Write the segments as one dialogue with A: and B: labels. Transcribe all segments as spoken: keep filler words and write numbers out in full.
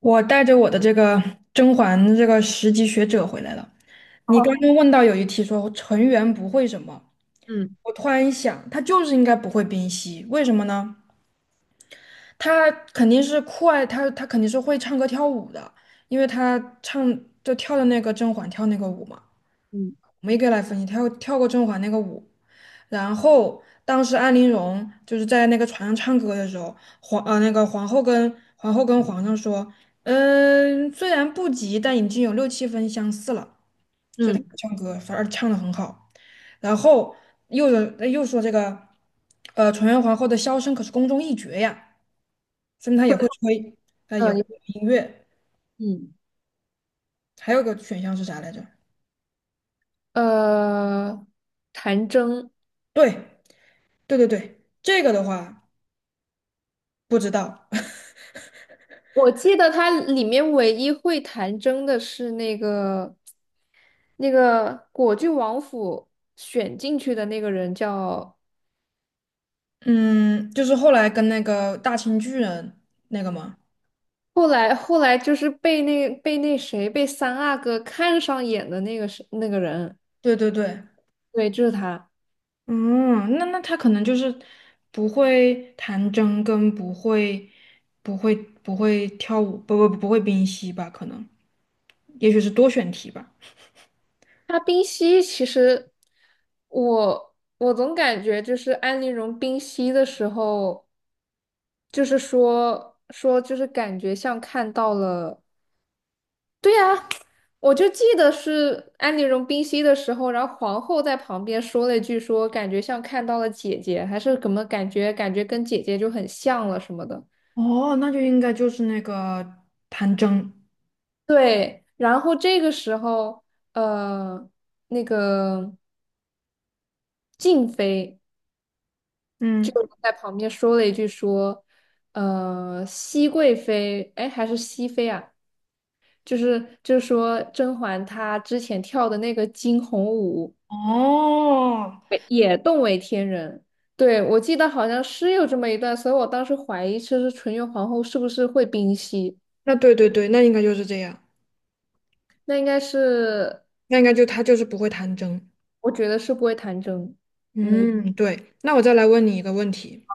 A: 我带着我的这个甄嬛这个十级学者回来了。你
B: 哦，
A: 刚刚问到有一题说纯元不会什么，
B: 嗯
A: 我突然一想，他就是应该不会冰嬉，为什么呢？他肯定是酷爱他，他肯定是会唱歌跳舞的，因为他唱就跳的那个甄嬛跳那个舞嘛。
B: 嗯
A: 我们一个来分析，跳跳过甄嬛那个舞，然后当时安陵容就是在那个船上唱歌的时候，皇呃那个皇后跟皇后跟皇上说，嗯，虽然不及，但已经有六七分相似了，
B: 嗯，
A: 唱歌反而唱得很好。然后又有又说这个，呃，纯元皇后的箫声可是宫中一绝呀，说明她也
B: 对，
A: 会吹，她也会
B: 嗯，
A: 音乐。还有个选项是啥来着？
B: 嗯呃，弹筝。
A: 对对对对，这个的话不知道。
B: 我记得它里面唯一会弹筝的是那个那个果郡王府选进去的那个人叫，
A: 嗯，就是后来跟那个大清巨人那个吗？
B: 后来后来就是被那被那谁被三阿哥看上眼的那个是那个人，
A: 对对对，
B: 对，就是他。
A: 嗯，那那他可能就是不会弹筝，跟不会不会不会跳舞，不不不会冰嬉吧？可能，也许是多选题吧。
B: 他冰溪其实我我总感觉就是安陵容冰溪的时候。就是说说就是感觉像看到了，我就记得是安陵容冰嬉的时候，然后皇后在旁边说了一句说感觉像看到了姐姐，还是怎么感觉感觉跟姐姐就很像了什么的。
A: 哦，那就应该就是那个弹筝。
B: 对，然后这个时候，呃，那个静妃就
A: 嗯，
B: 在旁边说了一句说，呃，熹贵妃，哎，还是熹妃啊？就是就是说甄嬛她之前跳的那个惊鸿舞，
A: 哦，
B: 为也动为天人。对，我记得好像是有这么一段，所以我当时怀疑，其是纯元皇后是不是会冰嬉？
A: 那对对对，那应该就是这样，
B: 那应该是。
A: 那应该就他就是不会弹筝。
B: 我觉得是不会弹筝，没
A: 嗯，对，那我再来问你一个问题。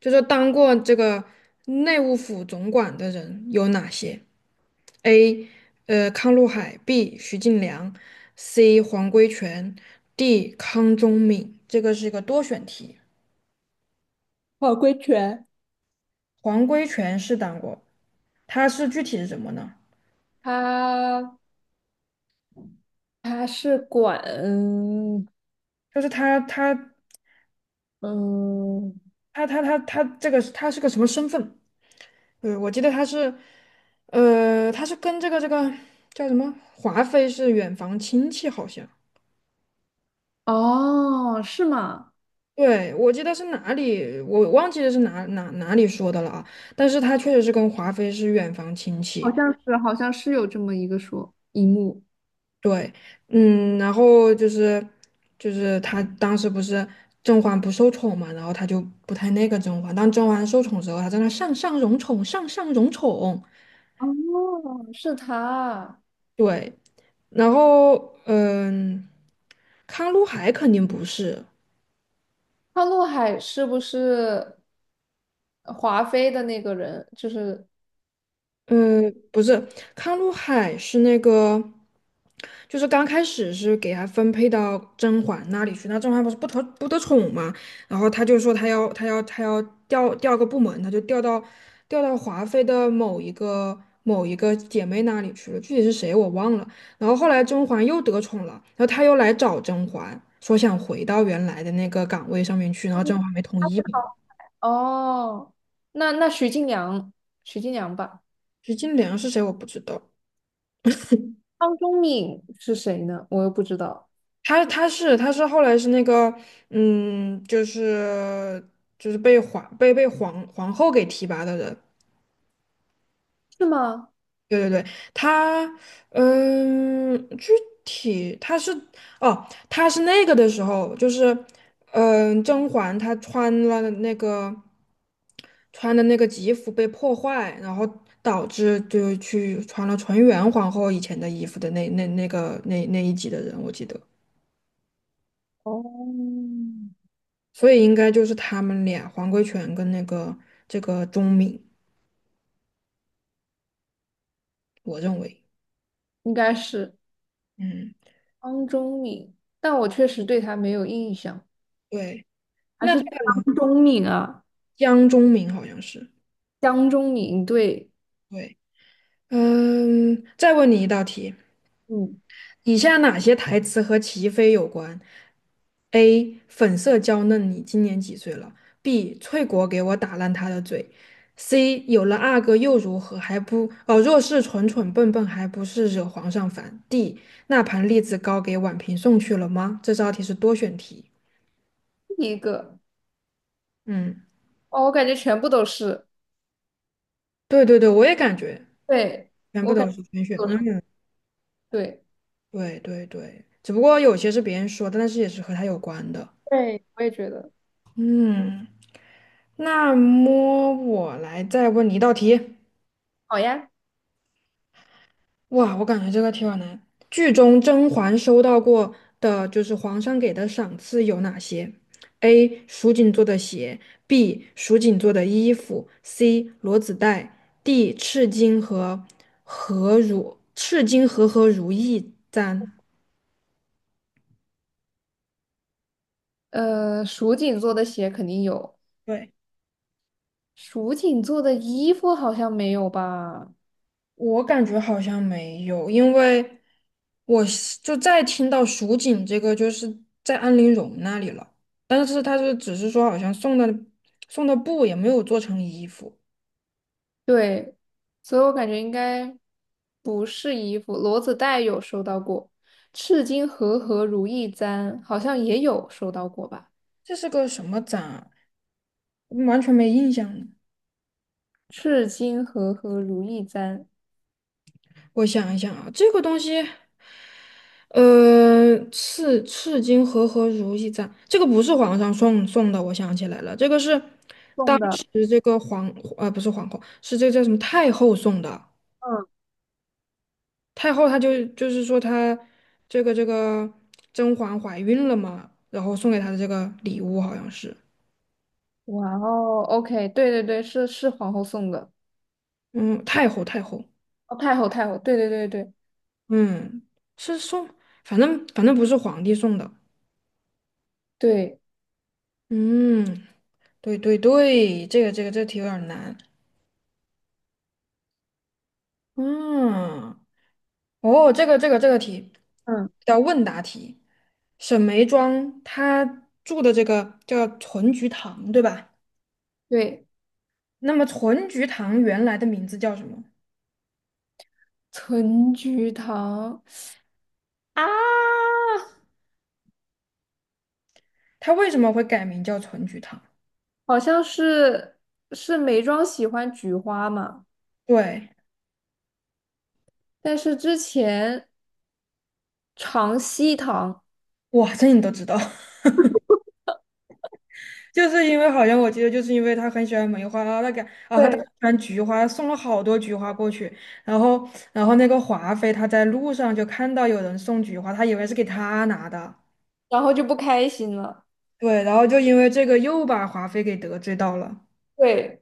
A: 就说当过这个内务府总管的人有哪些？A. 呃，康禄海；B. 徐敬良；C. 黄规全；D. 康宗敏。这个是一个多选题。
B: 好规全。
A: 黄规全是当过，他是具体是什么呢？
B: 他他是管，
A: 就是他他
B: 嗯。
A: 他他他他这个他是个什么身份？呃，我记得他是，呃，他是跟这个这个叫什么华妃是远房亲戚，好像。
B: 哦，是吗？
A: 对，我记得是哪里，我忘记了是哪哪哪里说的了啊。但是他确实是跟华妃是远房亲
B: 好
A: 戚。
B: 像是，好像是有这么一个说一幕。
A: 对，嗯，然后就是就是他当时不是甄嬛不受宠嘛，然后他就不太那个甄嬛。当甄嬛受宠时候，他在那上上荣宠，上上荣宠。
B: 哦，是他。
A: 对，然后嗯，康禄海肯定不是，
B: 潘陆海是不是华妃的那个人？就是。
A: 嗯，不是，康禄海是那个，就是刚开始是给他分配到甄嬛那里去，那甄嬛不是不得不得宠嘛，然后他就说他要他要他要调调个部门，他就调到调到华妃的某一个某一个姐妹那里去了，具体是谁我忘了。然后后来甄嬛又得宠了，然后他又来找甄嬛，说想回到原来的那个岗位上面去，然后甄嬛没同意嘛，
B: 哦，那那徐静良，徐静良吧。
A: 实金莲是谁我不知道。
B: 汤中敏是谁呢？我又不知道。
A: 他他是他是后来是那个嗯，就是就是被皇被被皇皇后给提拔的人，
B: 是吗？
A: 对对对，他嗯，具体他是哦，他是那个的时候，就是嗯，甄嬛她穿了那个穿的那个吉服被破坏，然后导致就去穿了纯元皇后以前的衣服的那那那个那那一集的人，我记得。
B: 哦，
A: 所以应该就是他们俩，黄贵全跟那个这个钟敏，我认为，
B: 应该是
A: 嗯，
B: 汤中敏，但我确实对他没有印象。
A: 对，
B: 还
A: 那
B: 是江中敏啊？
A: 江钟敏好像是，
B: 江中敏，对，
A: 对，嗯，再问你一道题，
B: 嗯。
A: 以下哪些台词和齐飞有关？A. 粉色娇嫩，你今年几岁了？B. 翠果给我打烂他的嘴。C. 有了阿哥又如何？还不哦，若是蠢蠢笨笨，还不是惹皇上烦。D. 那盘栗子糕给婉嫔送去了吗？这道题是多选题。
B: 第一个。
A: 嗯，
B: 哦，我感觉全部都是。
A: 对对对，我也感觉
B: 对，
A: 全部
B: 我感
A: 都
B: 觉
A: 是玄学。
B: 都是，
A: 嗯，
B: 对，
A: 对对对，只不过有些是别人说的，但是也是和他有关的。
B: 对，我也觉得。
A: 嗯，那么我来再问你一道题。
B: 好呀。
A: 哇，我感觉这个题好难。剧中甄嬛收到过的就是皇上给的赏赐有哪些？A. 蜀锦做的鞋，B. 蜀锦做的衣服，C. 罗子带，D. 赤金和和如赤金和和如意簪。
B: 呃，蜀锦做的鞋肯定有。
A: 对。
B: 蜀锦做的衣服好像没有吧？
A: 我感觉好像没有，因为我是就再听到蜀锦这个，就是在安陵容那里了，但是他是只是说好像送的送的布也没有做成衣服，
B: 对，所以我感觉应该不是衣服。罗子带有收到过。赤金和和如意簪好像也有收到过吧？
A: 这是个什么展啊？完全没印象呢。
B: 赤金和和如意簪
A: 我想一想啊，这个东西，呃，赤赤金和和如意簪，这个不是皇上送送的，我想起来了，这个是当
B: 送的，
A: 时这个皇，呃，不是皇后，是这个叫什么太后送的。
B: 嗯。
A: 太后她就就是说她这个这个甄嬛怀孕了嘛，然后送给她的这个礼物好像是，
B: 哇哦，OK，对对对，是是皇后送的。
A: 嗯，太后太后，
B: 哦，太后太后，对对对对
A: 嗯，是送，反正反正不是皇帝送的，
B: 对，
A: 嗯，对对对，这个这个这个题有点难，嗯，哦，这个这个这个题
B: 嗯，
A: 叫问答题，沈眉庄她住的这个叫纯菊堂，对吧？
B: 对。
A: 那么纯菊堂原来的名字叫什么？
B: 存菊堂啊。
A: 他为什么会改名叫纯菊糖？
B: 好像是是眉庄喜欢菊花嘛。
A: 对，
B: 但是之前长希堂。
A: 哇，这你都知道，就是因为好像我记得，就是因为他很喜欢梅花，然后他给喜
B: 对，
A: 欢菊花，送了好多菊花过去。然后，然后那个华妃她在路上就看到有人送菊花，她以为是给她拿的，
B: 然后就不开心了。
A: 对，然后就因为这个又把华妃给得罪到了。
B: 对，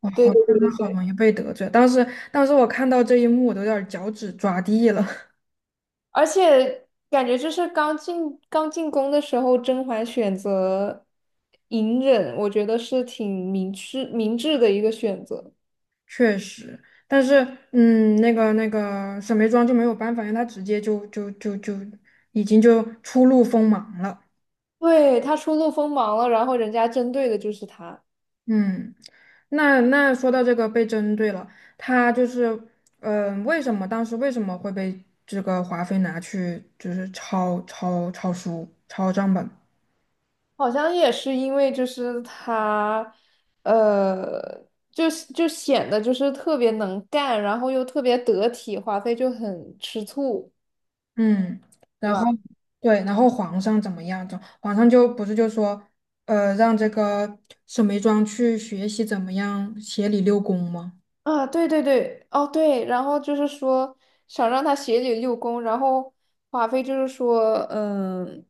A: 哇，
B: 对
A: 华
B: 对。
A: 妃她好容易被得罪，当时当时我看到这一幕，我都有点儿脚趾抓地了。
B: 而且感觉就是刚进刚进宫的时候，甄嬛选择隐忍，我觉得是挺明智明智的一个选择。
A: 确实，但是嗯，那个那个沈眉庄就没有办法，因为她直接就就就就已经就初露锋芒了。
B: 对，她初露锋芒了，然后人家针对的就是她。
A: 嗯，那那说到这个被针对了，她就是嗯、呃为什么当时为什么会被这个华妃拿去就是抄抄抄书抄账本？
B: 好像也是因为就是她，呃，就是就显得就是特别能干，然后又特别得体，华妃就很吃醋。
A: 嗯，
B: 对
A: 然后
B: 吧？
A: 对，然后皇上怎么样？就皇上就不是就说呃让这个沈眉庄去学习怎么样协理六宫吗？
B: 啊，对对对，哦对，然后就是说想让他协理六宫。然后华妃就是说，嗯，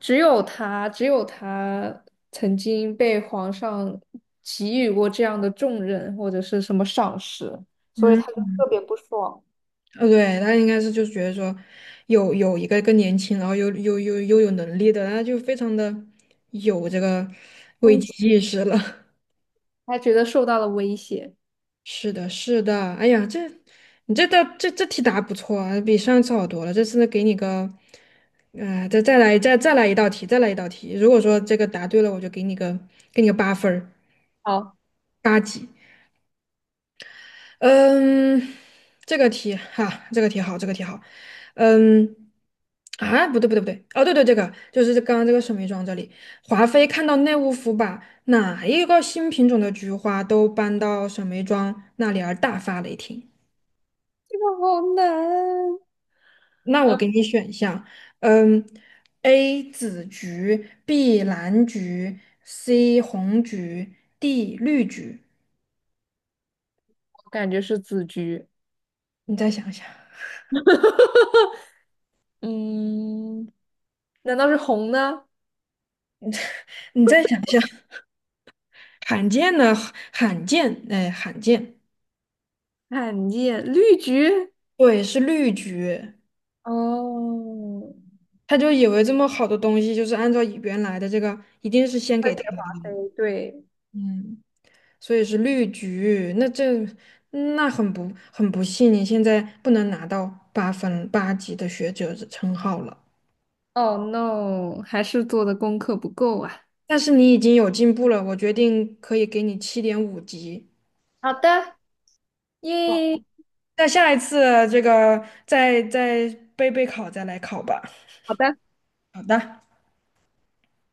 B: 只有他，只有他曾经被皇上给予过这样的重任或者是什么赏识，所以
A: 嗯。
B: 他就特别不爽，
A: 呃，对，他应该是就是觉得说有有一个更年轻，然后又又又又有能力的，他就非常的有这个危
B: 嗯。
A: 机意识了。
B: 他觉得受到了威胁。
A: 是的，是的，哎呀，这你这道这这题答不错啊，比上次好多了。这次呢，给你个，呃，再再来再再来一道题，再来一道题。如果说这个答对了，我就给你个给你个八分儿，
B: 好。
A: 八级。嗯，这个题哈，这个题好，这个题好。嗯，啊，不对不对不对，哦对对，这个就是刚刚这个沈眉庄这里，华妃看到内务府把哪一个新品种的菊花都搬到沈眉庄那里而大发雷霆。
B: 这个好难。
A: 那我
B: 嗯，
A: 给你选项，嗯，A 紫菊，B 蓝菊，C 红菊，D 绿菊。
B: 我感觉是紫菊。
A: 你再想想，
B: 嗯，难道是红呢？
A: 你再想想，罕见的罕见，哎，罕见。
B: 罕见绿菊。
A: 对，是绿菊，
B: 哦。
A: 他就以为这么好的东西就是按照原来的这个，一定是先
B: 会
A: 给
B: 飞
A: 他
B: 华
A: 的，
B: 妃，对。
A: 嗯，所以是绿菊，那这那很不很不幸，你现在不能拿到八分八级的学者的称号了，
B: O h no,还是做的功课不够啊。
A: 但是你已经有进步了，我决定可以给你七点五级，
B: 好的。耶。
A: 那下一次这个再再备备考再来考吧。
B: 好的。
A: 好的。